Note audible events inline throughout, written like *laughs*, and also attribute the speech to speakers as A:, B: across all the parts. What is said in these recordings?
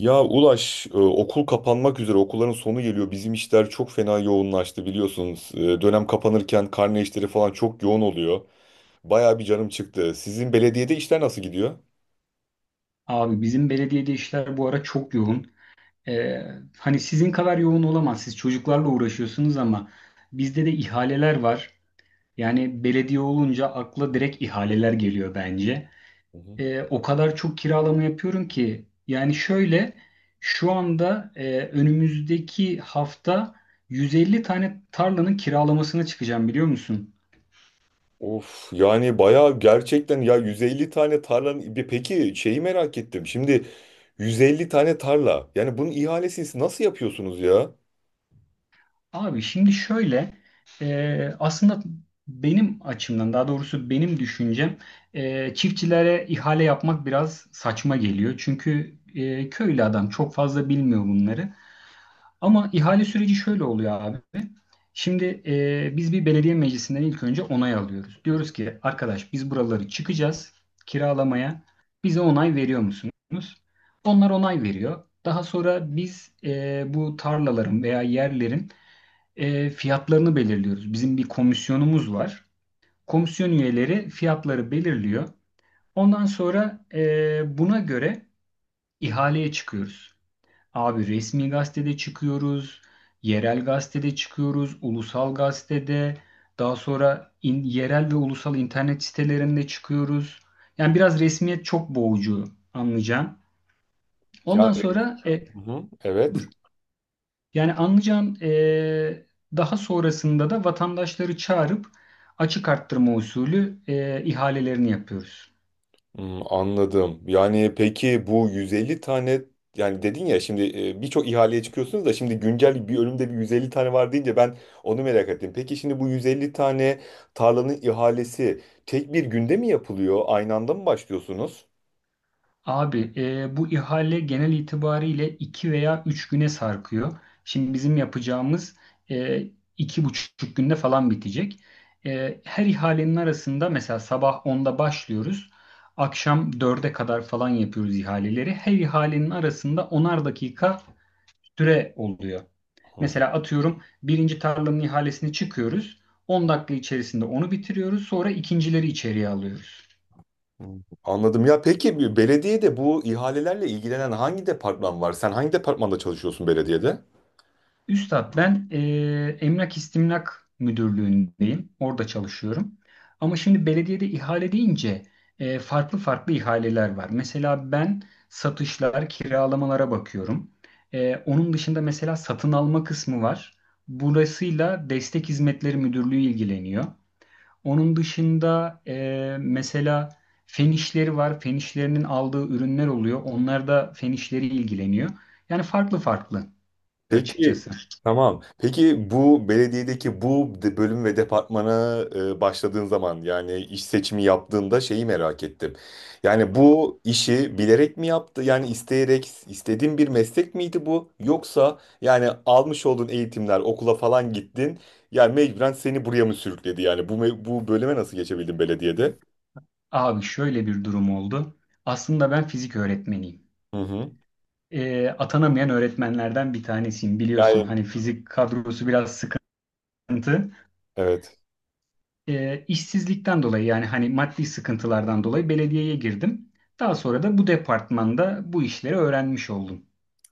A: Ya Ulaş, okul kapanmak üzere, okulların sonu geliyor. Bizim işler çok fena yoğunlaştı biliyorsunuz. Dönem kapanırken karne işleri falan çok yoğun oluyor. Bayağı bir canım çıktı. Sizin belediyede işler nasıl gidiyor?
B: Abi bizim belediyede işler bu ara çok yoğun. Ee, hani sizin kadar yoğun olamaz. Siz çocuklarla uğraşıyorsunuz ama bizde de ihaleler var. Yani belediye olunca akla direkt ihaleler geliyor bence.
A: Hı hı.
B: O kadar çok kiralama yapıyorum ki. Yani şöyle şu anda önümüzdeki hafta 150 tane tarlanın kiralamasına çıkacağım biliyor musun?
A: Of yani bayağı gerçekten ya 150 tane tarlanın peki şeyi merak ettim. Şimdi 150 tane tarla. Yani bunun ihalesini nasıl yapıyorsunuz ya?
B: Abi şimdi şöyle aslında benim açımdan daha doğrusu benim düşüncem çiftçilere ihale yapmak biraz saçma geliyor. Çünkü köylü adam çok fazla bilmiyor bunları. Ama ihale süreci şöyle oluyor abi. Şimdi biz bir belediye meclisinden ilk önce onay alıyoruz. Diyoruz ki arkadaş biz buraları çıkacağız kiralamaya. Bize onay veriyor musunuz? Onlar onay veriyor. Daha sonra biz bu tarlaların veya yerlerin fiyatlarını belirliyoruz. Bizim bir komisyonumuz var. Komisyon üyeleri fiyatları belirliyor. Ondan sonra buna göre ihaleye çıkıyoruz. Abi resmi gazetede çıkıyoruz, yerel gazetede çıkıyoruz, ulusal gazetede, daha sonra yerel ve ulusal internet sitelerinde çıkıyoruz. Yani biraz resmiyet çok boğucu anlayacağım.
A: Yani,
B: Ondan sonra e,
A: hı hı, evet.
B: Yani anlayacağın, daha sonrasında da vatandaşları çağırıp açık arttırma usulü ihalelerini yapıyoruz.
A: Hmm, anladım. Yani peki bu 150 tane, yani dedin ya, şimdi birçok ihaleye çıkıyorsunuz da şimdi güncel bir önümde bir 150 tane var deyince ben onu merak ettim. Peki şimdi bu 150 tane tarlanın ihalesi tek bir günde mi yapılıyor? Aynı anda mı başlıyorsunuz?
B: Abi, bu ihale genel itibariyle 2 veya 3 güne sarkıyor. Şimdi bizim yapacağımız eee, iki buçuk günde falan bitecek. Her ihalenin arasında mesela sabah onda başlıyoruz. Akşam dörde kadar falan yapıyoruz ihaleleri. Her ihalenin arasında onar dakika süre oluyor. Mesela atıyorum birinci tarlanın ihalesini çıkıyoruz. On dakika içerisinde onu bitiriyoruz. Sonra ikincileri içeriye alıyoruz.
A: Hmm, anladım ya. Peki bir belediyede bu ihalelerle ilgilenen hangi departman var? Sen hangi departmanda çalışıyorsun belediyede?
B: Üstad ben, Emlak İstimlak Müdürlüğü'ndeyim. Orada çalışıyorum. Ama şimdi belediyede ihale deyince farklı farklı ihaleler var. Mesela ben satışlar, kiralamalara bakıyorum. Onun dışında mesela satın alma kısmı var. Burasıyla Destek Hizmetleri Müdürlüğü ilgileniyor. Onun dışında mesela fen işleri var. Fen işlerinin aldığı ürünler oluyor. Onlar da fen işleri ilgileniyor. Yani farklı farklı
A: Peki
B: açıkçası.
A: tamam. Peki bu belediyedeki bu bölüm ve departmana başladığın zaman yani iş seçimi yaptığında şeyi merak ettim. Yani bu işi bilerek mi yaptı? Yani isteyerek istediğin bir meslek miydi bu? Yoksa yani almış olduğun eğitimler, okula falan gittin. Yani mecburen seni buraya mı sürükledi? Yani bu bu bölüme nasıl geçebildin belediyede?
B: Abi şöyle bir durum oldu. Aslında ben fizik öğretmeniyim.
A: Hı hı.
B: E, atanamayan öğretmenlerden bir tanesiyim. Biliyorsun
A: Yani
B: hani fizik kadrosu biraz sıkıntı.
A: evet.
B: E, işsizlikten dolayı yani hani maddi sıkıntılardan dolayı belediyeye girdim. Daha sonra da bu departmanda bu işleri öğrenmiş oldum.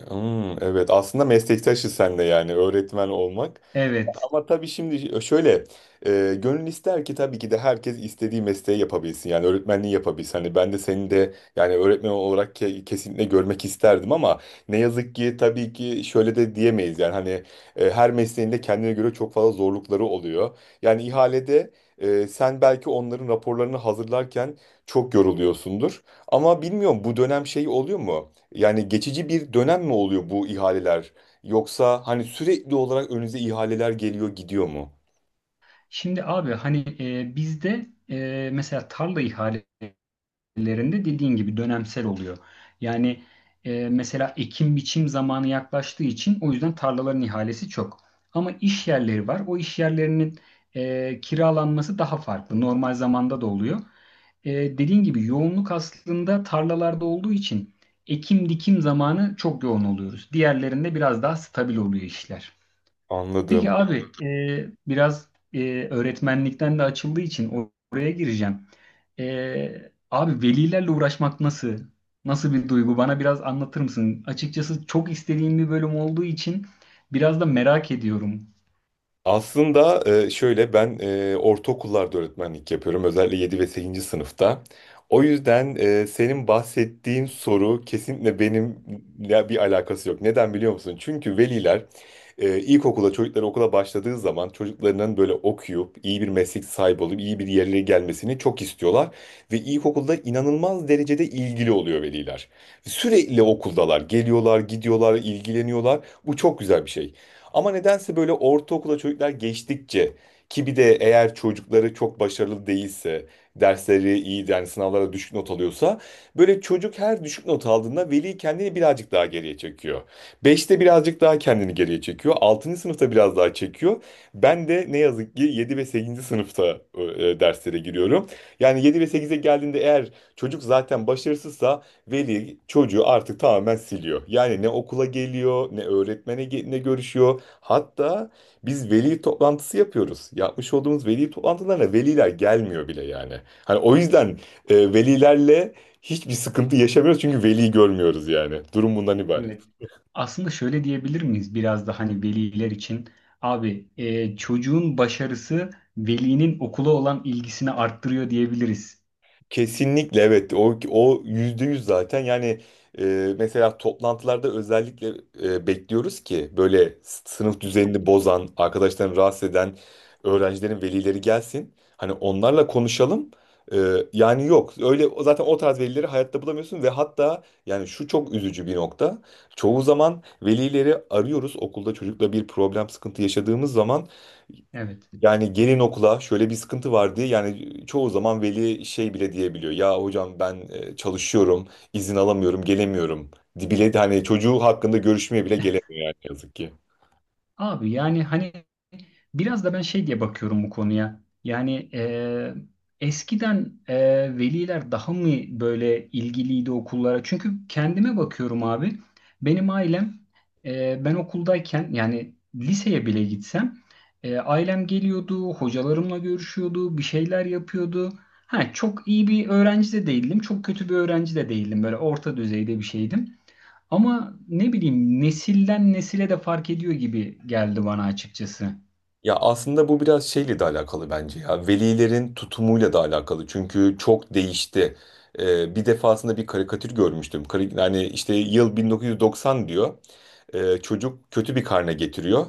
A: Hmm, evet. Aslında meslektaşız sen de, yani öğretmen olmak.
B: Evet.
A: Ama tabii şimdi şöyle, gönül ister ki tabii ki de herkes istediği mesleği yapabilsin. Yani öğretmenliği yapabilsin. Hani ben de seni de yani öğretmen olarak kesinlikle görmek isterdim ama ne yazık ki tabii ki şöyle de diyemeyiz. Yani hani, her mesleğin de kendine göre çok fazla zorlukları oluyor. Yani ihalede sen belki onların raporlarını hazırlarken çok yoruluyorsundur. Ama bilmiyorum bu dönem şey oluyor mu? Yani geçici bir dönem mi oluyor bu ihaleler? Yoksa hani sürekli olarak önünüze ihaleler geliyor gidiyor mu?
B: Şimdi abi hani bizde mesela tarla ihalelerinde dediğin gibi dönemsel oluyor. Yani mesela ekim biçim zamanı yaklaştığı için o yüzden tarlaların ihalesi çok. Ama iş yerleri var. O iş yerlerinin kiralanması daha farklı. Normal zamanda da oluyor. E, dediğin gibi yoğunluk aslında tarlalarda olduğu için ekim dikim zamanı çok yoğun oluyoruz. Diğerlerinde biraz daha stabil oluyor işler.
A: Anladım.
B: Peki abi, biraz öğretmenlikten de açıldığı için oraya gireceğim. E, abi velilerle uğraşmak nasıl? Nasıl bir duygu? Bana biraz anlatır mısın? Açıkçası çok istediğim bir bölüm olduğu için biraz da merak ediyorum.
A: Aslında şöyle ben ortaokullarda öğretmenlik yapıyorum. Özellikle 7 ve 8. sınıfta. O yüzden senin bahsettiğin soru kesinlikle benimle bir alakası yok. Neden biliyor musun? Çünkü veliler, ilkokula çocuklar okula başladığı zaman çocuklarının böyle okuyup iyi bir meslek sahibi olup iyi bir yerlere gelmesini çok istiyorlar. Ve ilkokulda inanılmaz derecede ilgili oluyor veliler. Sürekli okuldalar. Geliyorlar, gidiyorlar, ilgileniyorlar. Bu çok güzel bir şey. Ama nedense böyle ortaokula çocuklar geçtikçe, ki bir de eğer çocukları çok başarılı değilse, dersleri iyi yani sınavlara düşük not alıyorsa, böyle çocuk her düşük not aldığında veli kendini birazcık daha geriye çekiyor. Beşte birazcık daha kendini geriye çekiyor. 6. sınıfta biraz daha çekiyor. Ben de ne yazık ki 7 ve sekizinci sınıfta, derslere giriyorum. Yani 7 ve sekize geldiğinde eğer çocuk zaten başarısızsa veli çocuğu artık tamamen siliyor. Yani ne okula geliyor, ne öğretmene ne görüşüyor. Hatta biz veli toplantısı yapıyoruz. Yapmış olduğumuz veli toplantılarına veliler gelmiyor bile yani. Hani o yüzden velilerle hiçbir sıkıntı yaşamıyoruz çünkü veli görmüyoruz yani. Durum bundan ibaret.
B: Evet. Aslında şöyle diyebilir miyiz biraz da hani veliler için? Abi e, çocuğun başarısı velinin okula olan ilgisini arttırıyor diyebiliriz.
A: Kesinlikle evet, o yüzde yüz zaten yani, mesela toplantılarda özellikle bekliyoruz ki böyle sınıf düzenini bozan, arkadaşlarını rahatsız eden öğrencilerin velileri gelsin hani onlarla konuşalım. E, Yani yok öyle, zaten o tarz velileri hayatta bulamıyorsun ve hatta yani şu çok üzücü bir nokta, çoğu zaman velileri arıyoruz okulda çocukla bir problem sıkıntı yaşadığımız zaman,
B: Evet.
A: yani gelin okula şöyle bir sıkıntı var diye, yani çoğu zaman veli şey bile diyebiliyor. Ya hocam ben çalışıyorum, izin alamıyorum, gelemiyorum. Bile de hani çocuğu hakkında görüşmeye bile gelemiyor yani yazık ki.
B: Abi yani hani biraz da ben şey diye bakıyorum bu konuya. Yani eskiden, veliler daha mı böyle ilgiliydi okullara? Çünkü kendime bakıyorum abi. Benim ailem, ben okuldayken yani liseye bile gitsem ailem geliyordu, hocalarımla görüşüyordu, bir şeyler yapıyordu. Ha, çok iyi bir öğrenci de değildim, çok kötü bir öğrenci de değildim. Böyle orta düzeyde bir şeydim. Ama ne bileyim nesilden nesile de fark ediyor gibi geldi bana açıkçası.
A: Ya aslında bu biraz şeyle de alakalı bence ya. Velilerin tutumuyla da alakalı. Çünkü çok değişti. Bir defasında bir karikatür görmüştüm. Yani işte yıl 1990 diyor. Çocuk kötü bir karne getiriyor.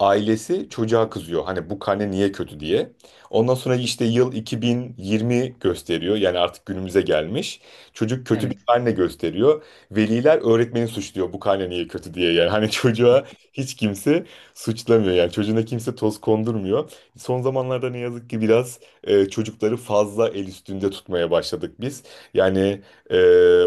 A: Ailesi çocuğa kızıyor. Hani bu karne niye kötü diye. Ondan sonra işte yıl 2020 gösteriyor. Yani artık günümüze gelmiş. Çocuk kötü bir
B: Evet.
A: karne gösteriyor. Veliler öğretmeni suçluyor bu karne niye kötü diye. Yani hani *laughs* çocuğa hiç kimse suçlamıyor, yani çocuğuna kimse toz kondurmuyor. Son zamanlarda ne yazık ki biraz çocukları fazla el üstünde tutmaya başladık biz. Yani e,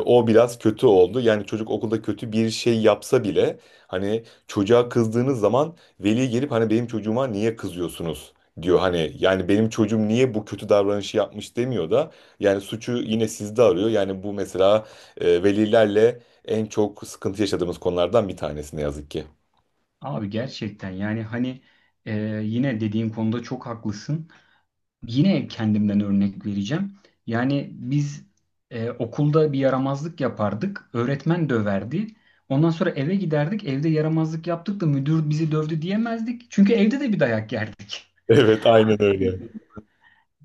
A: O biraz kötü oldu. Yani çocuk okulda kötü bir şey yapsa bile hani çocuğa kızdığınız zaman veli gelip hani benim çocuğuma niye kızıyorsunuz diyor, hani yani benim çocuğum niye bu kötü davranışı yapmış demiyor da yani suçu yine sizde arıyor. Yani bu mesela velilerle en çok sıkıntı yaşadığımız konulardan bir tanesi ne yazık ki. *laughs*
B: Abi gerçekten yani hani e, yine dediğin konuda çok haklısın. Yine kendimden örnek vereceğim. Yani biz okulda bir yaramazlık yapardık. Öğretmen döverdi. Ondan sonra eve giderdik. Evde yaramazlık yaptık da müdür bizi dövdü diyemezdik. Çünkü evde de bir dayak yerdik.
A: Evet aynen öyle.
B: *laughs*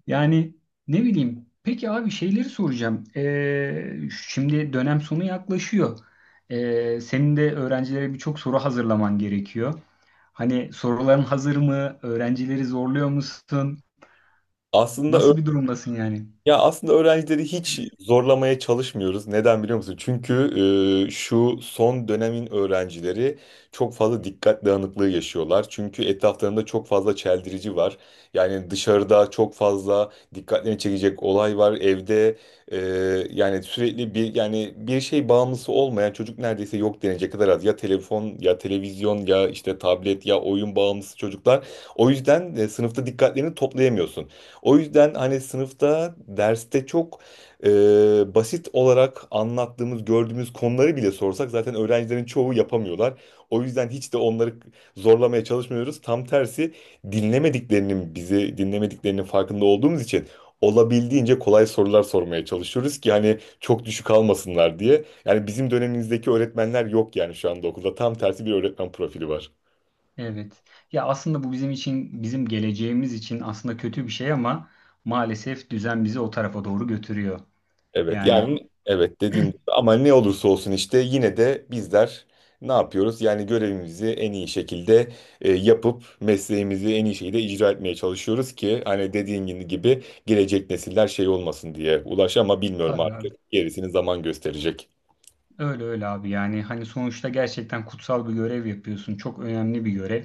B: Yani ne bileyim. Peki abi şeyleri soracağım. Şimdi dönem sonu yaklaşıyor. Senin de öğrencilere birçok soru hazırlaman gerekiyor. Hani soruların hazır mı? Öğrencileri zorluyor musun?
A: Aslında ö-
B: Nasıl bir durumdasın yani?
A: Ya aslında öğrencileri hiç zorlamaya çalışmıyoruz. Neden biliyor musun? Çünkü şu son dönemin öğrencileri çok fazla dikkat dağınıklığı yaşıyorlar. Çünkü etraflarında çok fazla çeldirici var. Yani dışarıda çok fazla dikkatlerini çekecek olay var. Evde e, yani sürekli bir yani bir şey bağımlısı olmayan çocuk neredeyse yok denecek kadar az. Ya telefon ya televizyon ya işte tablet ya oyun bağımlısı çocuklar. O yüzden sınıfta dikkatlerini toplayamıyorsun. O yüzden hani sınıfta, derste çok e, basit olarak anlattığımız, gördüğümüz konuları bile sorsak zaten öğrencilerin çoğu yapamıyorlar. O yüzden hiç de onları zorlamaya çalışmıyoruz. Tam tersi, dinlemediklerinin, bizi dinlemediklerinin farkında olduğumuz için olabildiğince kolay sorular sormaya çalışıyoruz ki hani çok düşük almasınlar diye. Yani bizim dönemimizdeki öğretmenler yok yani şu anda okulda. Tam tersi bir öğretmen profili var.
B: Evet. Ya aslında bu bizim için, bizim geleceğimiz için aslında kötü bir şey ama maalesef düzen bizi o tarafa doğru götürüyor.
A: Evet
B: Yani
A: yani, evet dediğim gibi, ama ne olursa olsun işte yine de bizler ne yapıyoruz? Yani görevimizi en iyi şekilde yapıp mesleğimizi en iyi şekilde icra etmeye çalışıyoruz ki hani dediğin gibi gelecek nesiller şey olmasın diye. Ulaş ama bilmiyorum,
B: tabii abi.
A: artık gerisini zaman gösterecek.
B: Öyle öyle abi. Yani hani sonuçta gerçekten kutsal bir görev yapıyorsun. Çok önemli bir görev.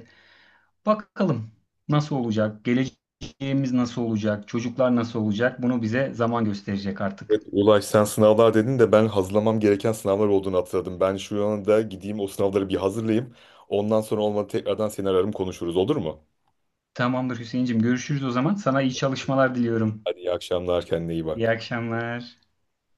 B: Bakalım nasıl olacak, geleceğimiz nasıl olacak, çocuklar nasıl olacak bunu bize zaman gösterecek artık.
A: Evet, Ulaş, sen sınavlar dedin de ben hazırlamam gereken sınavlar olduğunu hatırladım. Ben şu anda gideyim o sınavları bir hazırlayayım. Ondan sonra olmadı tekrardan seni ararım, konuşuruz, olur mu?
B: Tamamdır Hüseyincim, görüşürüz o zaman. Sana iyi çalışmalar diliyorum.
A: Hadi iyi akşamlar, kendine iyi
B: İyi
A: bak.
B: akşamlar.